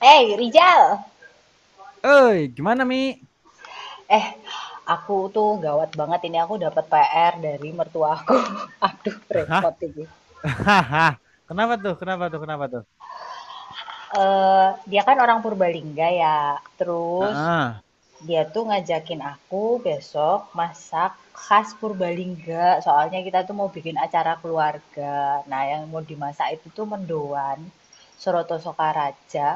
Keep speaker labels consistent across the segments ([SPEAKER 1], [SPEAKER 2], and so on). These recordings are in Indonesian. [SPEAKER 1] Hey Rizal.
[SPEAKER 2] Oi, gimana Mi?
[SPEAKER 1] eh aku tuh gawat banget ini aku dapat PR dari mertua aku. Aduh
[SPEAKER 2] Hah?
[SPEAKER 1] repot ini.
[SPEAKER 2] Hahaha. Kenapa tuh? Kenapa tuh? Kenapa tuh?
[SPEAKER 1] Eh, dia kan orang Purbalingga ya, terus
[SPEAKER 2] Heeh.
[SPEAKER 1] dia tuh ngajakin aku besok masak khas Purbalingga. Soalnya kita tuh mau bikin acara keluarga. Nah, yang mau dimasak itu tuh mendoan, Soroto Sokaraja,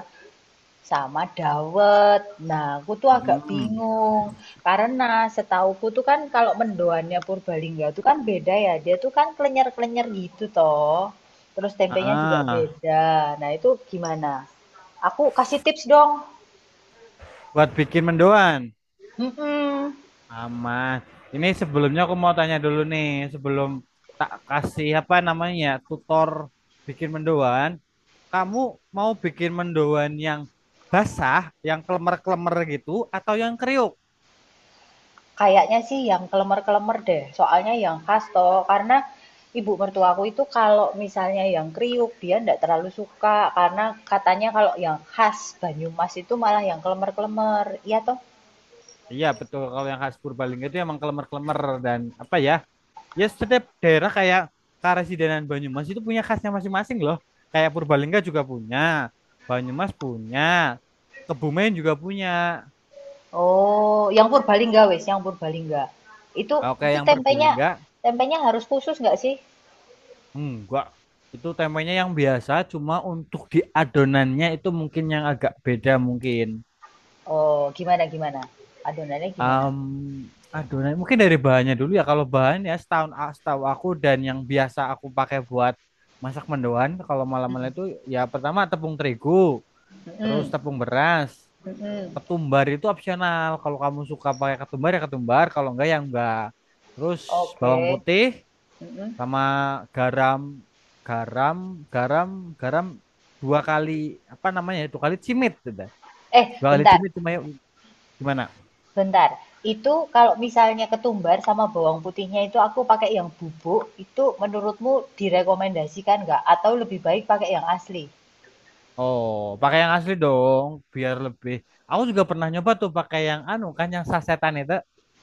[SPEAKER 1] sama dawet. Nah, aku tuh agak
[SPEAKER 2] Hmm.
[SPEAKER 1] bingung, karena setauku tuh kan kalau mendoannya Purbalingga tuh kan beda ya, dia tuh kan klenyer-klenyer gitu toh. Terus tempenya juga
[SPEAKER 2] Heeh.
[SPEAKER 1] beda. Nah, itu gimana? Aku kasih tips dong.
[SPEAKER 2] Buat bikin mendoan.
[SPEAKER 1] Mhm.
[SPEAKER 2] Aman. Ini sebelumnya aku mau tanya dulu nih, sebelum tak kasih apa namanya ya, tutor bikin mendoan, kamu mau bikin mendoan yang basah, yang klemer-klemer gitu, atau yang kriuk?
[SPEAKER 1] Kayaknya sih yang kelemer-kelemer deh, soalnya yang khas toh. Karena ibu mertuaku itu kalau misalnya yang kriuk dia ndak terlalu suka, karena katanya kalau yang khas Banyumas itu malah yang kelemer-kelemer. Iya toh?
[SPEAKER 2] Iya betul, kalau yang khas Purbalingga itu emang klemer-klemer dan apa ya? Ya, setiap daerah kayak Karesidenan Banyumas itu punya khasnya masing-masing loh. Kayak Purbalingga juga punya, Banyumas punya, Kebumen juga punya.
[SPEAKER 1] Oh, yang Purbalingga wes, yang Purbalingga. Itu
[SPEAKER 2] Oke,
[SPEAKER 1] itu
[SPEAKER 2] yang
[SPEAKER 1] tempenya
[SPEAKER 2] Purbalingga
[SPEAKER 1] tempenya harus khusus nggak sih?
[SPEAKER 2] enggak. Itu tempenya yang biasa, cuma untuk di adonannya itu mungkin yang agak beda mungkin.
[SPEAKER 1] Oh, gimana gimana? Adonannya gimana?
[SPEAKER 2] Em, Adonan mungkin dari bahannya dulu ya. Kalau bahan ya setahu aku dan yang biasa aku pakai buat masak mendoan kalau malam-malam
[SPEAKER 1] Mm-mm.
[SPEAKER 2] itu ya pertama tepung terigu,
[SPEAKER 1] Mm-mm.
[SPEAKER 2] terus tepung beras.
[SPEAKER 1] Mm-mm.
[SPEAKER 2] Ketumbar itu opsional. Kalau kamu suka pakai ketumbar ya ketumbar, kalau enggak ya enggak. Terus bawang
[SPEAKER 1] Oke.
[SPEAKER 2] putih
[SPEAKER 1] Mm-mm.
[SPEAKER 2] sama garam, garam, garam, garam dua kali apa namanya? Ya, dua kali cimit udah.
[SPEAKER 1] Eh,
[SPEAKER 2] Dua kali
[SPEAKER 1] bentar,
[SPEAKER 2] cimit cuma yuk, gimana?
[SPEAKER 1] bentar. Itu kalau misalnya ketumbar sama bawang putihnya itu aku pakai yang bubuk, itu menurutmu direkomendasikan nggak? Atau lebih baik pakai yang asli?
[SPEAKER 2] Oh, pakai yang asli dong, biar lebih. Aku juga pernah nyoba tuh pakai yang anu kan yang sasetan itu.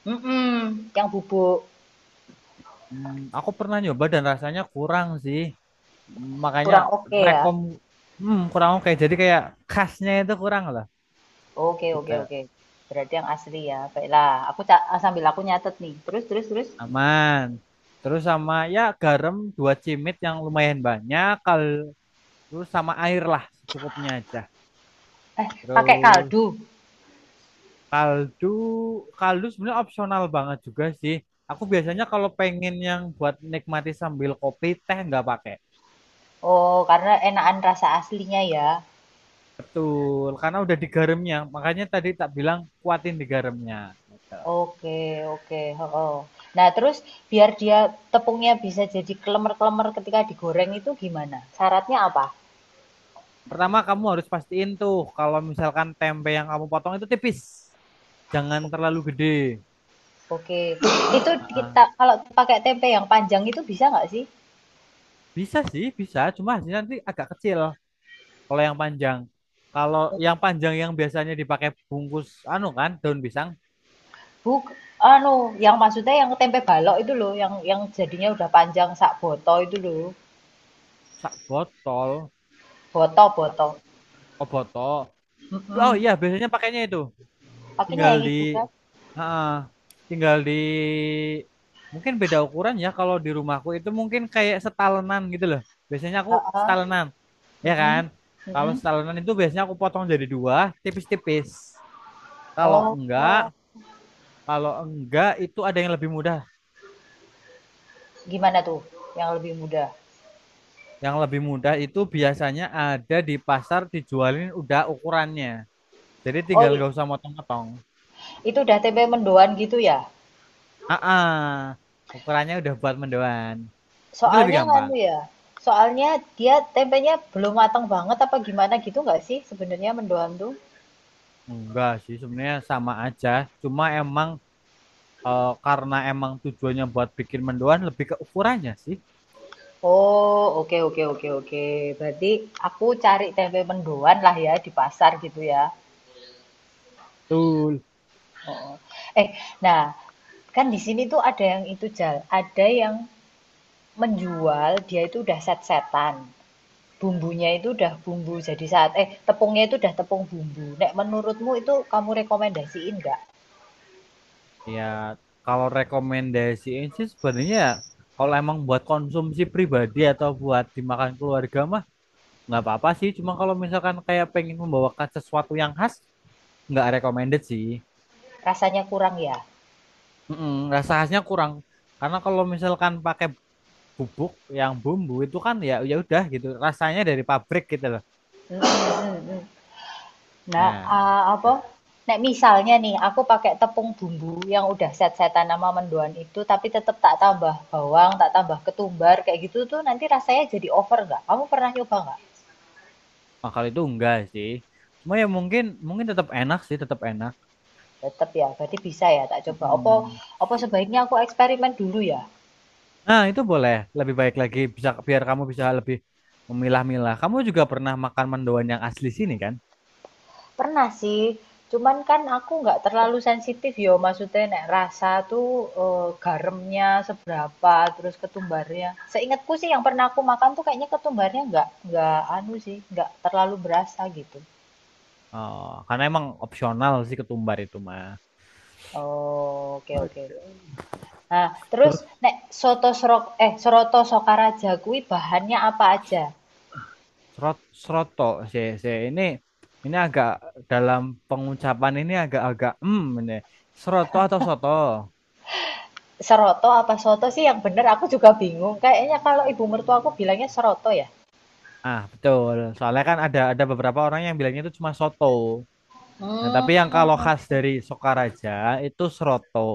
[SPEAKER 1] Mm-mm. Yang bubuk
[SPEAKER 2] Aku pernah nyoba dan rasanya kurang sih. Makanya
[SPEAKER 1] kurang oke ya?
[SPEAKER 2] rekom kurang oke. Jadi kayak khasnya itu kurang lah.
[SPEAKER 1] Oke oke
[SPEAKER 2] Gitu.
[SPEAKER 1] oke. Berarti yang asli ya. Baiklah, sambil aku nyatet nih. Terus terus terus.
[SPEAKER 2] Aman. Terus sama ya garam dua cimit yang lumayan banyak. Terus sama air lah secukupnya aja.
[SPEAKER 1] Eh, pakai
[SPEAKER 2] Terus
[SPEAKER 1] kaldu.
[SPEAKER 2] kaldu kaldu sebenarnya opsional banget juga sih. Aku biasanya kalau pengen yang buat nikmati sambil kopi teh nggak pakai.
[SPEAKER 1] Oh, karena enakan rasa aslinya ya.
[SPEAKER 2] Betul, karena udah digaramnya. Makanya tadi tak bilang kuatin digaramnya. Gitu.
[SPEAKER 1] Oke oke. Oh. Nah, terus biar dia tepungnya bisa jadi kelemer-kelemer ketika digoreng itu gimana? Syaratnya apa?
[SPEAKER 2] Pertama kamu harus pastiin tuh kalau misalkan tempe yang kamu potong itu tipis, jangan terlalu gede.
[SPEAKER 1] Oke. Itu kita
[SPEAKER 2] Heeh.
[SPEAKER 1] kalau pakai tempe yang panjang itu bisa nggak sih?
[SPEAKER 2] Bisa sih, bisa. Cuma hasilnya nanti agak kecil kalau yang panjang. Kalau yang panjang yang biasanya dipakai bungkus anu kan, daun pisang,
[SPEAKER 1] Buk, anu, yang maksudnya yang tempe balok itu loh, yang jadinya udah panjang sak boto itu loh.
[SPEAKER 2] sak botol,
[SPEAKER 1] Boto,
[SPEAKER 2] sak
[SPEAKER 1] boto.
[SPEAKER 2] oh, botol. Oh
[SPEAKER 1] Mhm.
[SPEAKER 2] iya, biasanya pakainya itu. Tinggal
[SPEAKER 1] Pakainya yang
[SPEAKER 2] di.
[SPEAKER 1] itu kan?
[SPEAKER 2] Heeh. Tinggal di, mungkin beda ukuran ya kalau di rumahku itu mungkin kayak setalenan gitu loh. Biasanya aku
[SPEAKER 1] Heeh.
[SPEAKER 2] setalenan, ya kan?
[SPEAKER 1] Mhm.
[SPEAKER 2] Kalau
[SPEAKER 1] Mhm.
[SPEAKER 2] setalenan itu biasanya aku potong jadi dua, tipis-tipis. Kalau
[SPEAKER 1] Oh.
[SPEAKER 2] enggak, kalau enggak itu ada yang lebih mudah.
[SPEAKER 1] Gimana tuh yang lebih mudah?
[SPEAKER 2] Yang lebih mudah itu biasanya ada di pasar dijualin udah ukurannya. Jadi
[SPEAKER 1] Oh,
[SPEAKER 2] tinggal nggak usah motong-motong.
[SPEAKER 1] itu udah tempe mendoan gitu ya?
[SPEAKER 2] Ah, ah, ukurannya udah buat mendoan. Itu lebih
[SPEAKER 1] Soalnya
[SPEAKER 2] gampang.
[SPEAKER 1] nganu ya. Soalnya dia tempenya belum matang banget apa gimana gitu nggak sih sebenarnya mendoan tuh?
[SPEAKER 2] Enggak sih, sebenarnya sama aja. Cuma emang karena emang tujuannya buat bikin mendoan lebih ke ukurannya sih.
[SPEAKER 1] Oh, oke oke oke oke. Berarti aku cari tempe mendoan lah ya di pasar gitu ya.
[SPEAKER 2] Betul.
[SPEAKER 1] Eh, nah, kan di sini tuh ada yang itu Jal, ada yang menjual dia itu udah set-setan. Bumbunya itu udah bumbu jadi saat tepungnya itu udah tepung bumbu. Nek menurutmu itu kamu rekomendasiin nggak?
[SPEAKER 2] Ya, kalau rekomendasiin sih sebenarnya ya, kalau emang buat konsumsi pribadi atau buat dimakan keluarga mah nggak apa-apa sih. Cuma kalau misalkan kayak pengen membawakan sesuatu yang khas, nggak recommended sih.
[SPEAKER 1] Rasanya kurang ya?
[SPEAKER 2] Mm-mm, rasa khasnya kurang karena kalau misalkan pakai bubuk yang bumbu itu kan ya ya udah gitu rasanya dari pabrik gitu loh.
[SPEAKER 1] Mm, mm, mm. Nah,
[SPEAKER 2] Nah,
[SPEAKER 1] ah,
[SPEAKER 2] gitu.
[SPEAKER 1] apa? Nek misalnya nih aku pakai tepung bumbu yang udah set-setan nama mendoan itu tapi tetap tak tambah bawang, tak tambah ketumbar kayak gitu tuh nanti rasanya jadi over nggak? Kamu pernah nyoba nggak?
[SPEAKER 2] Nah, kalau itu enggak sih. Cuma ya mungkin mungkin tetap enak sih, tetap enak.
[SPEAKER 1] Tetap ya, berarti bisa ya tak coba. Apa
[SPEAKER 2] Mm-mm.
[SPEAKER 1] apa sebaiknya aku eksperimen dulu ya?
[SPEAKER 2] Nah, itu boleh. Lebih baik lagi bisa biar kamu bisa lebih memilah-milah. Kamu juga pernah makan mendoan yang asli sini kan?
[SPEAKER 1] Pernah sih, cuman kan aku nggak terlalu sensitif yo, maksudnya nek rasa tuh eh, garamnya seberapa, terus ketumbarnya. Seingatku sih yang pernah aku makan tuh kayaknya ketumbarnya nggak anu sih, nggak terlalu berasa gitu.
[SPEAKER 2] Oh, karena emang opsional sih ketumbar itu mah.
[SPEAKER 1] Oh, oke oke. Nah, terus
[SPEAKER 2] Oke.
[SPEAKER 1] nek soto serok eh seroto Sokaraja kui bahannya apa aja?
[SPEAKER 2] Srot, Sroto, si ini agak, dalam pengucapan ini agak-agak, ini sroto atau soto.
[SPEAKER 1] Seroto apa soto sih yang bener aku juga bingung. Kayaknya kalau ibu mertua aku bilangnya seroto ya.
[SPEAKER 2] Ah betul, soalnya kan ada beberapa orang yang bilangnya itu cuma soto. Nah tapi yang kalau khas
[SPEAKER 1] Hmm.
[SPEAKER 2] dari Sokaraja itu sroto.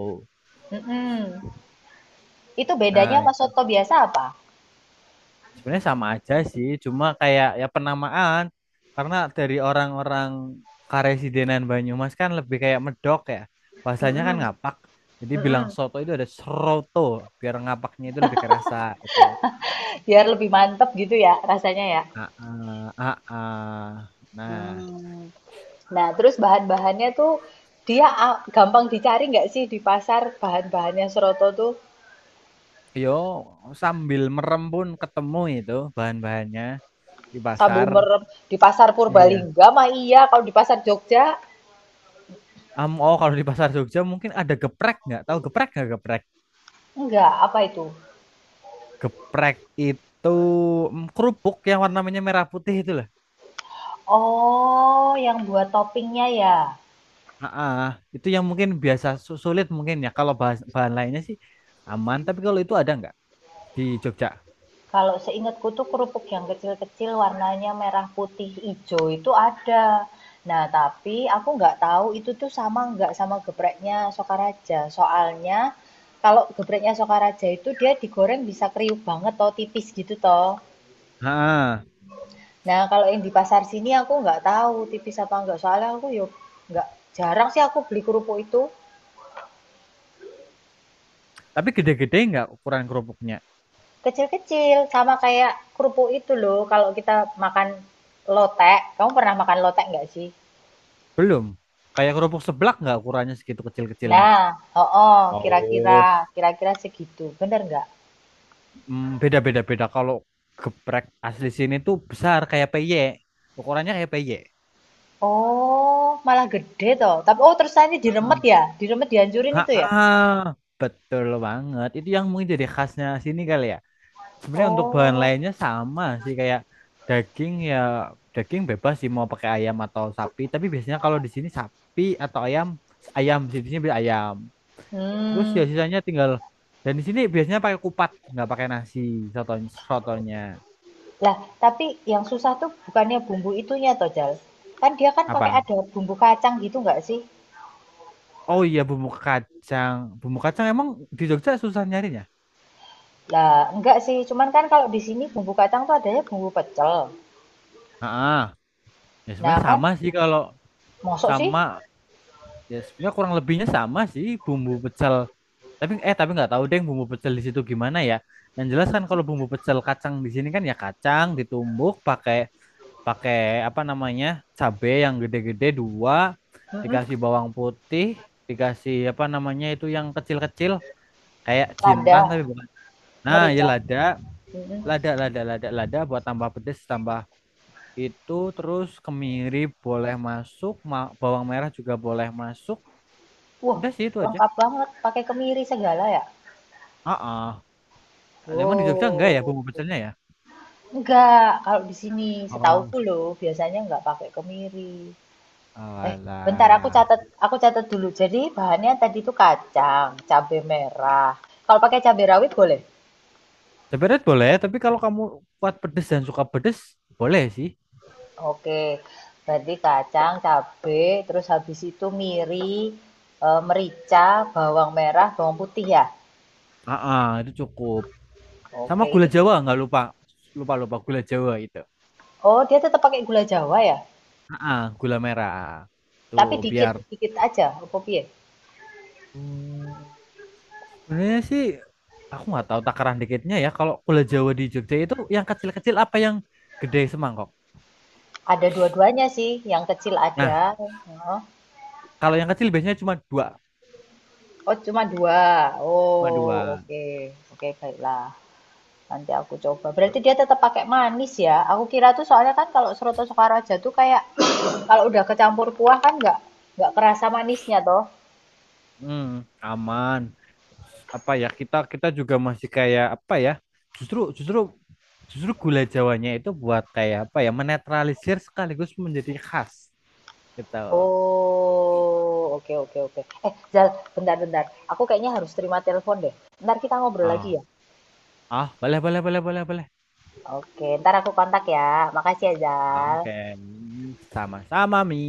[SPEAKER 1] Mm-mm. Itu bedanya
[SPEAKER 2] Nah
[SPEAKER 1] sama
[SPEAKER 2] itu.
[SPEAKER 1] soto biasa apa?
[SPEAKER 2] Sebenarnya sama aja sih, cuma kayak ya penamaan karena dari orang-orang Karesidenan Banyumas kan lebih kayak medok ya. Bahasanya kan
[SPEAKER 1] Mm-mm.
[SPEAKER 2] ngapak. Jadi bilang
[SPEAKER 1] Mm-mm.
[SPEAKER 2] soto itu ada seroto biar ngapaknya itu lebih kerasa gitu.
[SPEAKER 1] Biar lebih mantep gitu ya rasanya ya.
[SPEAKER 2] Ah, ah, ah, ah. Nah,
[SPEAKER 1] Hmm. Nah, terus bahan-bahannya tuh dia gampang dicari nggak sih di pasar bahan-bahannya soto tuh
[SPEAKER 2] yo sambil merem pun ketemu itu bahan-bahannya di
[SPEAKER 1] sambil
[SPEAKER 2] pasar.
[SPEAKER 1] merem di pasar
[SPEAKER 2] Iya.
[SPEAKER 1] Purbalingga mah iya, kalau di pasar Jogja
[SPEAKER 2] Oh, kalau di pasar Jogja mungkin ada geprek nggak? Tahu geprek nggak geprek?
[SPEAKER 1] enggak, apa itu?
[SPEAKER 2] Geprek itu kerupuk yang warnanya merah putih itu lah.
[SPEAKER 1] Oh, yang buat toppingnya ya.
[SPEAKER 2] Heeh, itu yang mungkin biasa sulit mungkin ya. Kalau bahan lainnya sih aman, tapi kalau itu ada nggak di Jogja?
[SPEAKER 1] Kalau seingatku tuh kerupuk yang kecil-kecil warnanya merah, putih, hijau itu ada. Nah, tapi aku nggak tahu itu tuh sama nggak sama gepreknya Sokaraja. Soalnya kalau gepreknya Sokaraja itu dia digoreng bisa kriuk banget toh, tipis gitu toh.
[SPEAKER 2] Heeh.
[SPEAKER 1] Nah, kalau yang di pasar sini aku nggak tahu tipis apa nggak. Soalnya aku yuk nggak jarang sih aku beli kerupuk itu
[SPEAKER 2] Tapi gede-gede nggak ukuran kerupuknya?
[SPEAKER 1] kecil-kecil sama kayak kerupuk itu loh. Kalau kita makan lotek, kamu pernah makan lotek nggak sih?
[SPEAKER 2] Belum. Kayak kerupuk seblak nggak ukurannya segitu kecil-kecilnya?
[SPEAKER 1] Nah, oh, oh, kira-kira,
[SPEAKER 2] Oh.
[SPEAKER 1] kira-kira segitu. Bener nggak?
[SPEAKER 2] Beda-beda beda. Kalau geprek asli sini tuh besar kayak peyek. Ukurannya kayak peyek.
[SPEAKER 1] Oh, malah gede toh. Tapi terus ini diremet
[SPEAKER 2] Heeh.
[SPEAKER 1] ya? Diremet dihancurin
[SPEAKER 2] Heeh,
[SPEAKER 1] itu ya?
[SPEAKER 2] ah, betul banget. Itu yang mungkin jadi khasnya sini kali ya. Sebenarnya untuk bahan
[SPEAKER 1] Oh,
[SPEAKER 2] lainnya sama sih kayak daging ya daging bebas sih mau pakai ayam atau sapi. Tapi biasanya kalau di sini sapi atau ayam ayam sih di sini beli ayam. Terus ya
[SPEAKER 1] hmm.
[SPEAKER 2] sisanya tinggal dan di sini biasanya pakai kupat nggak pakai nasi, sotonya sotonya
[SPEAKER 1] Lah, tapi yang susah tuh bukannya bumbu itunya toh, Jal. Kan dia kan pakai
[SPEAKER 2] apa?
[SPEAKER 1] ada bumbu kacang gitu nggak sih?
[SPEAKER 2] Oh iya, bumbu kacang emang di Jogja susah nyarinya.
[SPEAKER 1] Lah, enggak sih. Cuman kan kalau di sini bumbu kacang tuh adanya bumbu pecel.
[SPEAKER 2] Ah, ya
[SPEAKER 1] Nah,
[SPEAKER 2] sebenarnya
[SPEAKER 1] kan
[SPEAKER 2] sama sih, kalau
[SPEAKER 1] mosok sih?
[SPEAKER 2] sama ya sebenarnya kurang lebihnya sama sih bumbu pecel, tapi nggak tahu deh bumbu pecel di situ gimana ya. Yang jelas kan kalau bumbu pecel kacang di sini kan ya kacang ditumbuk pakai pakai apa namanya, cabe yang gede-gede dua,
[SPEAKER 1] Mm-mm.
[SPEAKER 2] dikasih bawang putih, dikasih apa namanya, itu yang kecil-kecil kayak
[SPEAKER 1] Lada,
[SPEAKER 2] jintan tapi bukan, nah ya
[SPEAKER 1] merica.
[SPEAKER 2] lada,
[SPEAKER 1] Mm-mm.
[SPEAKER 2] lada, lada, lada, lada buat tambah pedes, tambah itu, terus kemiri boleh masuk, bawang merah juga boleh masuk,
[SPEAKER 1] Wah,
[SPEAKER 2] udah sih itu aja.
[SPEAKER 1] lengkap banget. Pakai kemiri segala ya?
[SPEAKER 2] Heeh. Emang di Jogja enggak ya
[SPEAKER 1] Oh,
[SPEAKER 2] bumbu pecelnya ya?
[SPEAKER 1] enggak. Kalau di sini
[SPEAKER 2] Oh.
[SPEAKER 1] setauku loh, biasanya enggak pakai kemiri. Eh, bentar
[SPEAKER 2] Alah.
[SPEAKER 1] aku catat dulu. Jadi bahannya tadi itu kacang, cabai merah. Kalau pakai cabai rawit boleh?
[SPEAKER 2] Sebenarnya boleh, tapi kalau kamu kuat pedes dan suka pedes, boleh sih.
[SPEAKER 1] Oke. Berarti kacang, cabai, terus habis itu merica, bawang merah, bawang putih ya.
[SPEAKER 2] Heeh, itu cukup. Sama
[SPEAKER 1] Oke,
[SPEAKER 2] gula
[SPEAKER 1] itu.
[SPEAKER 2] Jawa nggak lupa. Lupa, lupa gula Jawa itu.
[SPEAKER 1] Oh, dia tetap pakai gula Jawa ya?
[SPEAKER 2] Heeh, gula merah. Tuh
[SPEAKER 1] Tapi dikit,
[SPEAKER 2] biar.
[SPEAKER 1] dikit aja, apa piye?
[SPEAKER 2] Hmm. Sebenarnya sih aku nggak tahu takaran dikitnya ya. Kalau gula Jawa di Jogja itu yang kecil-kecil apa yang gede semangkok?
[SPEAKER 1] Ada dua-duanya sih, yang kecil ada.
[SPEAKER 2] Nah,
[SPEAKER 1] Heeh.
[SPEAKER 2] kalau yang kecil biasanya cuma dua.
[SPEAKER 1] Oh, cuma dua.
[SPEAKER 2] Cuma
[SPEAKER 1] Oh,
[SPEAKER 2] dua.
[SPEAKER 1] oke. Oke, baiklah. Nanti aku coba. Berarti dia tetap pakai manis ya? Aku kira tuh soalnya kan kalau Soto Sokaraja tuh kayak kalau udah kecampur kuah kan nggak kerasa manisnya toh.
[SPEAKER 2] Hmm. Aman. Apa ya kita kita juga masih kayak apa ya? Justru justru justru gula Jawanya itu buat kayak apa ya? Menetralisir sekaligus menjadi khas gitu.
[SPEAKER 1] Oh, oke oke oke. Eh, Zal, bentar bentar. Aku kayaknya harus terima telepon deh. Ntar kita ngobrol
[SPEAKER 2] Ah,
[SPEAKER 1] lagi ya.
[SPEAKER 2] ah, boleh boleh boleh boleh boleh.
[SPEAKER 1] Oke, ntar aku kontak ya. Makasih ya, Zal.
[SPEAKER 2] Oke, sama-sama Mi.